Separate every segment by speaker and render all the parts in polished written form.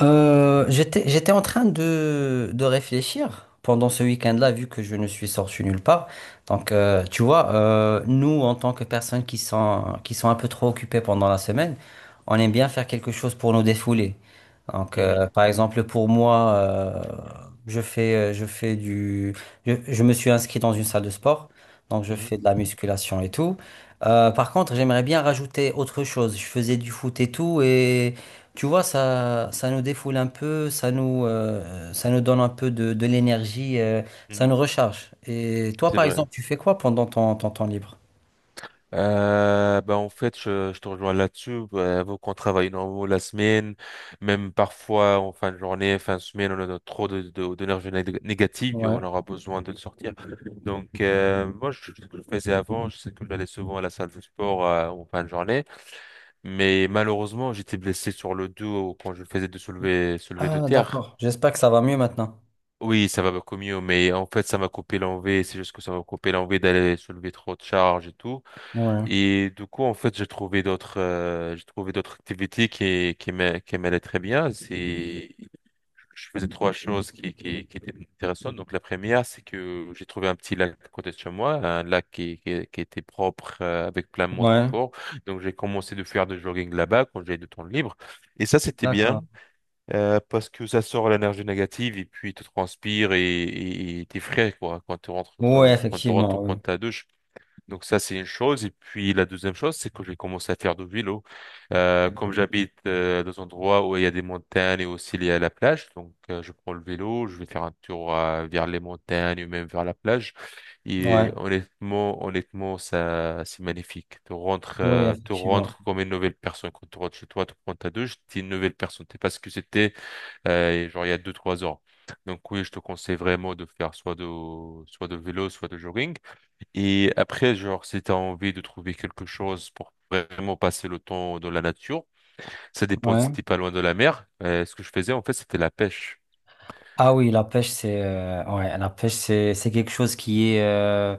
Speaker 1: J'étais en train de réfléchir pendant ce week-end-là, vu que je ne suis sorti nulle part. Nous, en tant que personnes qui sont un peu trop occupées pendant la semaine, on aime bien faire quelque chose pour nous défouler.
Speaker 2: Mhm,
Speaker 1: Par exemple, pour moi, je fais du, je me suis inscrit dans une salle de sport, donc je
Speaker 2: mhm,
Speaker 1: fais de la musculation et tout. Par contre, j'aimerais bien rajouter autre chose. Je faisais du foot et tout, tu vois, ça nous défoule un peu, ça nous donne un peu de l'énergie, ça
Speaker 2: mhm.
Speaker 1: nous recharge. Et toi,
Speaker 2: C'est
Speaker 1: par
Speaker 2: vrai.
Speaker 1: exemple, tu fais quoi pendant ton temps libre?
Speaker 2: Ben en fait, je te rejoins là-dessus. Vu qu'on travaille normalement la semaine, même parfois en fin de journée, fin de semaine, on a notre- trop d'énergie négative et on
Speaker 1: Ouais.
Speaker 2: aura besoin de le sortir. Donc, moi, ce que je faisais avant, je sais que j'allais souvent à la salle de sport en fin de journée, mais malheureusement, j'étais blessé sur le dos quand je faisais de soulever de
Speaker 1: Ah,
Speaker 2: terre.
Speaker 1: d'accord. J'espère que ça va mieux maintenant.
Speaker 2: Oui, ça va beaucoup mieux, mais en fait, ça m'a coupé l'envie. C'est juste que ça m'a coupé l'envie d'aller soulever trop de charges et tout.
Speaker 1: Ouais.
Speaker 2: Et du coup, en fait, j'ai trouvé d'autres activités qui m'allaient très bien. C'est Je faisais trois choses qui étaient intéressantes. Donc, la première, c'est que j'ai trouvé un petit lac à côté de chez moi, un lac qui était propre, avec plein de monde qui
Speaker 1: Ouais.
Speaker 2: court. Donc, j'ai commencé de faire du jogging là-bas quand j'avais du temps libre. Et ça, c'était
Speaker 1: D'accord.
Speaker 2: bien, parce que ça sort l'énergie négative et puis tu transpires et t'es frais, quoi,
Speaker 1: Oui,
Speaker 2: quand tu rentres,
Speaker 1: effectivement, oui.
Speaker 2: prendre ta douche. Donc ça, c'est une chose. Et puis la deuxième chose, c'est que j'ai commencé à faire du vélo. Comme j'habite dans un endroit où il y a des montagnes et aussi il y a la plage, donc je prends le vélo, je vais faire un tour vers les montagnes ou même vers la plage. Et euh,
Speaker 1: Ouais.
Speaker 2: honnêtement, honnêtement, ça, c'est magnifique.
Speaker 1: Oui,
Speaker 2: Tu
Speaker 1: effectivement.
Speaker 2: rentres comme une nouvelle personne. Quand tu rentres chez toi, tu prends ta douche, t'es une nouvelle personne. T'es pas ce que c'était genre il y a deux, trois ans. Donc oui, je te conseille vraiment de faire soit de vélo, soit de jogging. Et après, genre, si t'as envie de trouver quelque chose pour vraiment passer le temps dans la nature, ça dépend
Speaker 1: Ouais.
Speaker 2: si t'es pas loin de la mer. Ce que je faisais, en fait, c'était la pêche.
Speaker 1: Ah oui, la pêche, c'est ouais, la pêche, c'est quelque chose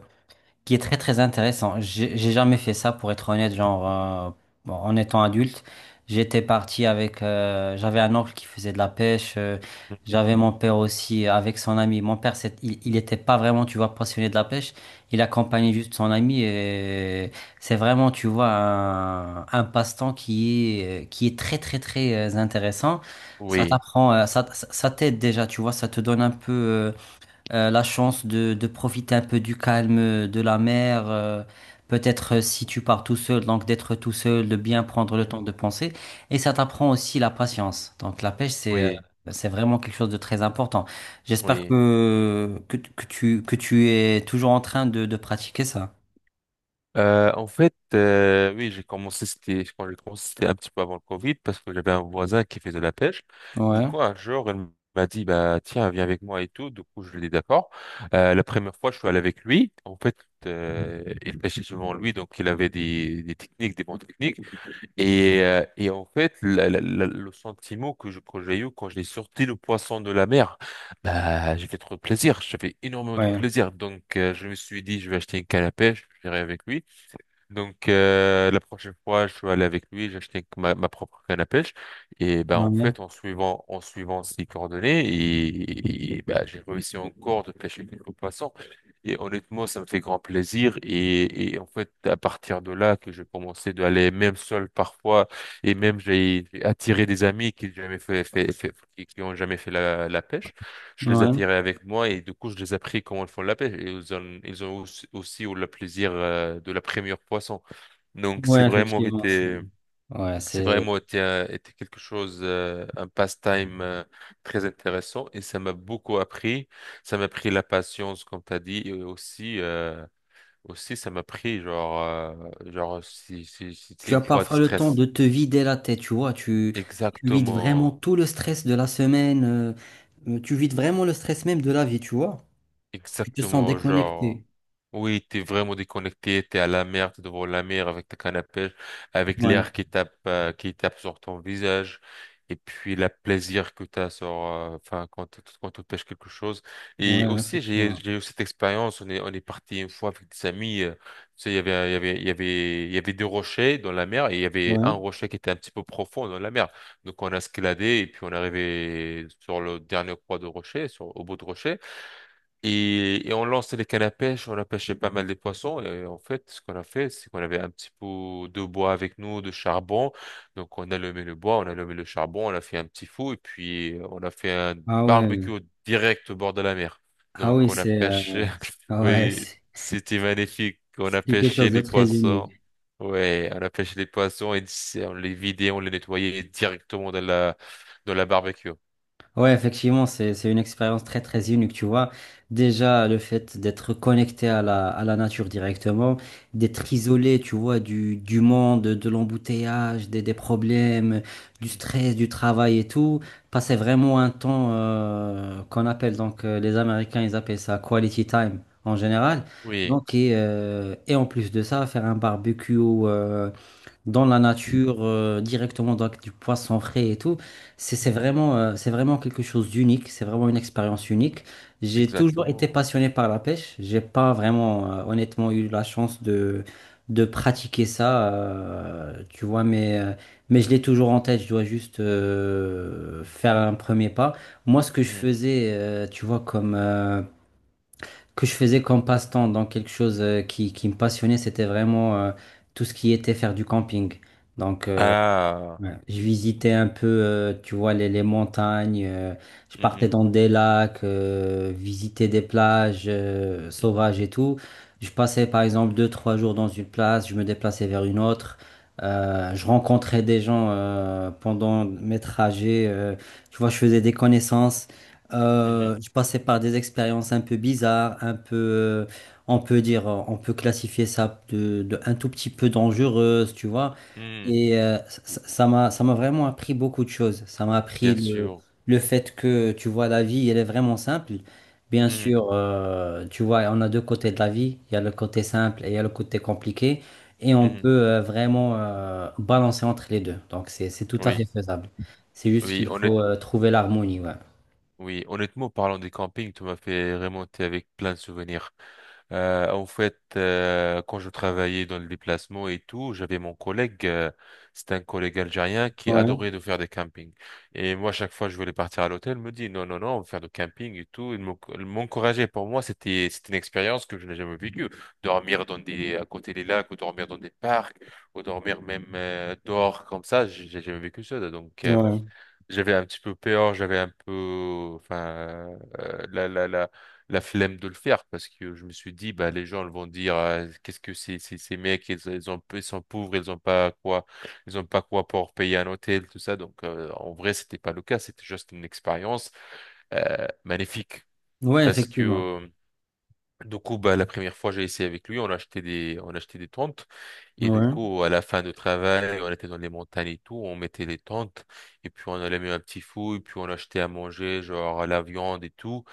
Speaker 1: qui est très très intéressant. J'ai jamais fait ça pour être honnête, genre,
Speaker 2: Mhm.
Speaker 1: bon, en étant adulte, j'étais parti avec j'avais un oncle qui faisait de la pêche,
Speaker 2: Mhm.
Speaker 1: j'avais mon père aussi avec son ami. Mon père, il était pas vraiment tu vois passionné de la pêche, il accompagnait juste son ami, et c'est vraiment tu vois un passe-temps qui est très très très, intéressant. Ça
Speaker 2: Oui.
Speaker 1: t'apprend, ça t'aide déjà, tu vois, ça te donne un peu, la chance de profiter un peu du calme de la mer, peut-être, si tu pars tout seul, donc d'être tout seul, de bien prendre le temps
Speaker 2: Mhm.
Speaker 1: de penser. Et ça t'apprend aussi la patience. Donc la pêche, c'est,
Speaker 2: Oui,
Speaker 1: bah, c'est vraiment quelque chose de très important. J'espère
Speaker 2: oui.
Speaker 1: que tu es toujours en train de pratiquer ça.
Speaker 2: Oui, quand j'ai commencé, c'était un petit peu avant le Covid parce que j'avais un voisin qui faisait de la pêche. Du
Speaker 1: Ouais,
Speaker 2: coup, un jour, il m'a dit, bah, tiens, viens avec moi et tout. Du coup, je lui ai dit d'accord. La première fois, je suis allé avec lui. En fait, il pêchait souvent lui, donc il avait des techniques, des bonnes techniques. Et en fait, le sentiment que j'ai eu quand j'ai sorti le poisson de la mer, bah, j'ai fait trop de plaisir. J'ai fait énormément de
Speaker 1: ouais,
Speaker 2: plaisir. Donc, je me suis dit, je vais acheter une canne à pêche, je vais avec lui. Donc la prochaine fois, je suis allé avec lui, j'achète ma propre canne à pêche et ben en
Speaker 1: ouais,
Speaker 2: fait en suivant ses coordonnées et ben, j'ai réussi encore de pêcher quelques poissons et honnêtement ça me fait grand plaisir et en fait à partir de là que je commençais d'aller même seul parfois et même j'ai attiré des amis qui jamais fait, fait, fait- qui ont jamais fait la pêche. Je les
Speaker 1: ouais,
Speaker 2: attirais avec moi et du coup, je les ai appris comment ils font la pêche. Et ils ont aussi, aussi eu le plaisir de la première poisson. Donc, c'est
Speaker 1: ouais,
Speaker 2: vraiment
Speaker 1: effectivement. Ça.
Speaker 2: été,
Speaker 1: Ouais,
Speaker 2: c'est
Speaker 1: c'est...
Speaker 2: vraiment été, été quelque chose, un pastime très intéressant et ça m'a beaucoup appris. Ça m'a pris la patience, comme tu as dit, et aussi, ça m'a pris, genre, genre, si
Speaker 1: Tu as
Speaker 2: une fois tu
Speaker 1: parfois le temps
Speaker 2: stresses.
Speaker 1: de te vider la tête, tu vois. Tu vides vraiment
Speaker 2: Exactement,
Speaker 1: tout le stress de la semaine. Tu vides vraiment le stress même de la vie, tu vois. Tu te sens
Speaker 2: exactement, genre.
Speaker 1: déconnecté.
Speaker 2: Oui, t'es vraiment déconnecté, t'es à la mer, t'es devant la mer avec ta canne à pêche, avec
Speaker 1: Ouais,
Speaker 2: l'air qui tape sur ton visage, et puis le plaisir que t'as sur, enfin, quand tu pêches quelque chose. Et
Speaker 1: ouais,
Speaker 2: aussi,
Speaker 1: effectivement.
Speaker 2: j'ai eu cette expérience, on est parti une fois avec des amis, tu sais, il y avait, il y avait, il y avait, il y avait deux rochers dans la mer, et il y avait un
Speaker 1: Ouais.
Speaker 2: rocher qui était un petit peu profond dans la mer. Donc, on a escaladé, et puis on est arrivé sur le dernier croix de rocher, sur, au bout de rocher. Et on lançait les cannes à pêche, on a pêché pas mal des poissons. Et en fait, ce qu'on a fait, c'est qu'on avait un petit pot de bois avec nous, de charbon. Donc, on a allumé le bois, on a allumé le charbon, on a fait un petit feu et puis on a fait un
Speaker 1: Ah ouais.
Speaker 2: barbecue direct au bord de la mer.
Speaker 1: Ah
Speaker 2: Donc,
Speaker 1: oui,
Speaker 2: on a
Speaker 1: c'est,
Speaker 2: pêché.
Speaker 1: ah ouais,
Speaker 2: Oui, c'était magnifique. On
Speaker 1: c'est
Speaker 2: a
Speaker 1: quelque
Speaker 2: pêché
Speaker 1: chose de
Speaker 2: les
Speaker 1: très
Speaker 2: poissons.
Speaker 1: unique.
Speaker 2: Ouais, on a pêché les poissons et c'est- on les vidait, on les nettoyait directement dans la barbecue.
Speaker 1: Ouais, effectivement, c'est une expérience très, très unique, tu vois. Déjà, le fait d'être connecté à à la nature directement, d'être
Speaker 2: Mhm.
Speaker 1: isolé, tu vois, du monde, de l'embouteillage, des problèmes, du stress, du travail et tout. Passer vraiment un temps, qu'on appelle, donc, les Américains, ils appellent ça quality time en général.
Speaker 2: Oui.
Speaker 1: Et en plus de ça, faire un barbecue, dans la nature, directement dans- avec du poisson frais et tout. C'est
Speaker 2: Mhm.
Speaker 1: vraiment, c'est vraiment quelque chose d'unique, c'est vraiment une expérience unique. J'ai toujours été
Speaker 2: Exactement.
Speaker 1: passionné par la pêche. J'ai pas vraiment, honnêtement, eu la chance de pratiquer ça, tu vois, mais je l'ai toujours en tête. Je dois juste faire un premier pas. Moi, ce que je
Speaker 2: Mhm.
Speaker 1: faisais, tu vois, que je faisais comme passe-temps, donc quelque chose, qui me passionnait, c'était vraiment, tout ce qui était faire du camping. Donc, euh,
Speaker 2: Ah.
Speaker 1: Ouais. Je visitais un peu, tu vois, les montagnes, je partais
Speaker 2: Mhm.
Speaker 1: dans des lacs, visiter des plages
Speaker 2: Mhm.
Speaker 1: sauvages et tout. Je passais par exemple deux, trois jours dans une place, je me déplaçais vers une autre. Je rencontrais des gens pendant mes trajets, tu vois, je faisais des connaissances.
Speaker 2: Mhm.
Speaker 1: Je passais par des expériences un peu bizarres, un peu, on peut dire, on peut classifier ça de un tout petit peu dangereuse, tu vois.
Speaker 2: Mhm.
Speaker 1: Et, ça m'a vraiment appris beaucoup de choses. Ça m'a appris
Speaker 2: Bien sûr.
Speaker 1: le fait que, tu vois, la vie, elle est vraiment simple. Bien
Speaker 2: Mhm.
Speaker 1: sûr, tu vois, on a deux côtés de la vie. Il y a le côté simple et il y a le côté compliqué. Et on peut,
Speaker 2: Mhm.
Speaker 1: vraiment balancer entre les deux. Donc, c'est tout à fait
Speaker 2: Oui.
Speaker 1: faisable. C'est juste
Speaker 2: Oui,
Speaker 1: qu'il
Speaker 2: honnête...
Speaker 1: faut, trouver l'harmonie, ouais.
Speaker 2: oui, honnêtement, parlant des campings, tu m'as fait remonter avec plein de souvenirs. Quand je travaillais dans le déplacement et tout, j'avais mon collègue, c'était un collègue algérien qui adorait de faire des campings. Et moi, chaque fois que je voulais partir à l'hôtel, il me dit non, non, non, on va faire du camping et tout. Il m'encourageait. Pour moi, c'était une expérience que je n'ai jamais vécue. Dormir dans des à côté des lacs, ou dormir dans des parcs, ou dormir même dehors comme ça, j'ai jamais vécu ça. Donc,
Speaker 1: Ouais.
Speaker 2: j'avais un petit peu peur, j'avais un peu, enfin, euh, la, la, la, la flemme de le faire parce que je me suis dit, bah, les gens ils vont dire, ah, qu'est-ce que c'est- ces mecs, ils ont, ils sont pauvres, ils ont pas quoi, ils ont pas quoi pour payer un hôtel, tout ça. Donc, en vrai, c'était pas le cas, c'était juste une expérience, magnifique
Speaker 1: Ouais,
Speaker 2: parce que,
Speaker 1: effectivement.
Speaker 2: du coup, bah, la première fois, j'ai essayé avec lui, on a acheté des tentes. Et du
Speaker 1: Ouais.
Speaker 2: coup, à la fin du travail, on était dans les montagnes et tout, on mettait les tentes. Et puis, on allait mettre un petit fou, et puis on achetait à manger, genre la viande et tout.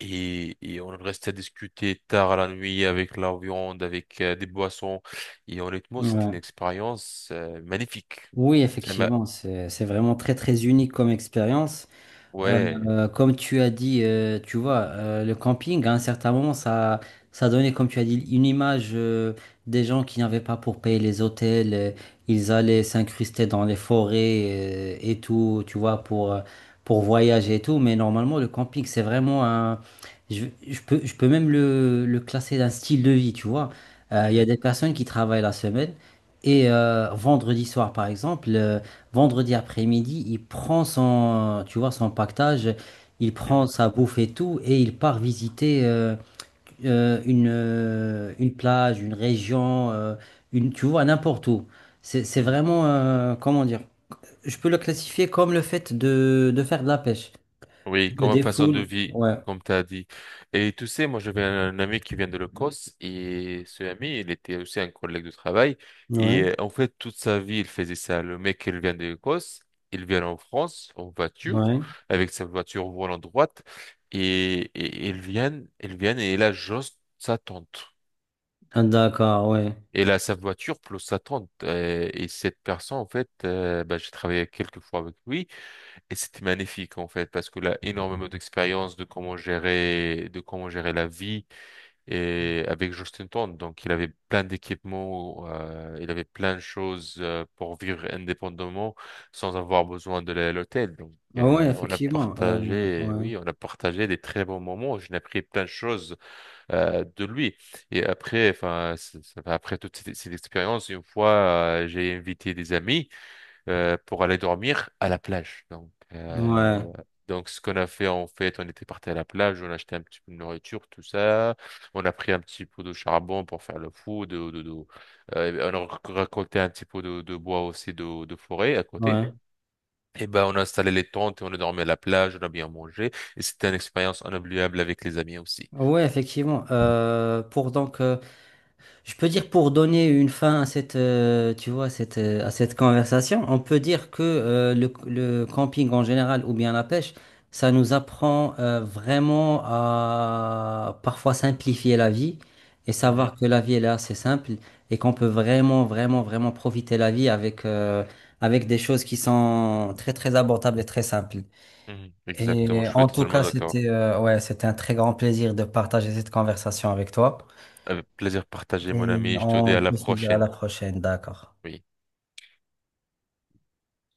Speaker 2: Et on restait à discuter tard à la nuit avec la viande, avec des boissons. Et honnêtement, c'était
Speaker 1: Ouais.
Speaker 2: une expérience magnifique.
Speaker 1: Oui,
Speaker 2: Ça m'a,
Speaker 1: effectivement, c'est vraiment très, très unique comme expérience.
Speaker 2: ouais.
Speaker 1: Comme tu as dit, tu vois, le camping, à un certain moment, ça donnait, comme tu as dit, une image, des gens qui n'avaient pas pour payer les hôtels, ils allaient
Speaker 2: Mhm.
Speaker 1: s'incruster dans les forêts, et tout, tu vois, pour voyager et tout. Mais normalement, le camping, c'est vraiment un... Je peux même le classer d'un style de vie, tu vois. Il y a
Speaker 2: Mhm.
Speaker 1: des personnes qui travaillent la semaine et, vendredi soir, par exemple. Vendredi après-midi, il prend son, tu vois, son pactage, il prend
Speaker 2: Mhm.
Speaker 1: sa bouffe et tout, et il part visiter, une plage, une région, une, tu vois, n'importe où. C'est
Speaker 2: Mhm.
Speaker 1: vraiment, comment dire, je peux le classifier comme le fait de faire de la pêche.
Speaker 2: Oui,
Speaker 1: Tu te
Speaker 2: comme façon de
Speaker 1: défoules,
Speaker 2: vie,
Speaker 1: ouais,
Speaker 2: comme tu as dit. Et tu sais, moi j'avais un ami qui vient de l'Écosse et ce ami, il était aussi un collègue de travail. Et
Speaker 1: ouais,
Speaker 2: euh, en fait, toute sa vie, il faisait ça. Le mec, il vient de l'Écosse, il vient en France en voiture,
Speaker 1: ouais.
Speaker 2: avec sa voiture volant droite. Et il vient et il a juste sa tante.
Speaker 1: Ah, d'accord, ouais.
Speaker 2: Il a sa voiture plus sa tante. Et cette personne, en fait, bah, j'ai travaillé quelques fois avec lui. Et c'était magnifique en fait parce que là énormément d'expérience de comment gérer la vie et avec Justin Tourne donc il avait plein d'équipements il avait plein de choses pour vivre indépendamment sans avoir besoin de l'hôtel donc
Speaker 1: Ah ouais,
Speaker 2: euh, on a
Speaker 1: effectivement,
Speaker 2: partagé
Speaker 1: ouais,
Speaker 2: oui on a partagé des très bons moments, j'ai appris plein de choses de lui et après enfin après toute cette expérience une fois j'ai invité des amis pour aller dormir à la plage. Donc,
Speaker 1: ouais,
Speaker 2: euh, donc ce qu'on a fait, en fait, on était parti à la plage, on a acheté un petit peu de nourriture, tout ça. On a pris un petit pot de charbon pour faire le fou, on a récolté un petit peu de bois aussi de forêt à côté.
Speaker 1: ouais.
Speaker 2: Et ben, on a installé les tentes et on a dormi à la plage, on a bien mangé. Et c'était une expérience inoubliable avec les amis aussi.
Speaker 1: Ouais, effectivement. Je peux dire pour donner une fin à cette, tu vois, à cette conversation, on peut dire que, le camping en général ou bien la pêche, ça nous apprend, vraiment à parfois simplifier la vie et
Speaker 2: Mhm,
Speaker 1: savoir que la vie elle est assez simple, et qu'on peut vraiment, vraiment, vraiment profiter la vie avec, avec des choses qui sont très, très abordables et très simples.
Speaker 2: mhm. Exactement,
Speaker 1: Et
Speaker 2: je suis
Speaker 1: en tout
Speaker 2: totalement
Speaker 1: cas,
Speaker 2: d'accord.
Speaker 1: c'était, ouais, c'était un très grand plaisir de partager cette conversation avec toi.
Speaker 2: Avec plaisir partagé, mon
Speaker 1: Et
Speaker 2: ami. Je te dis
Speaker 1: on
Speaker 2: à la
Speaker 1: peut se dire à la
Speaker 2: prochaine.
Speaker 1: prochaine, d'accord.
Speaker 2: Oui.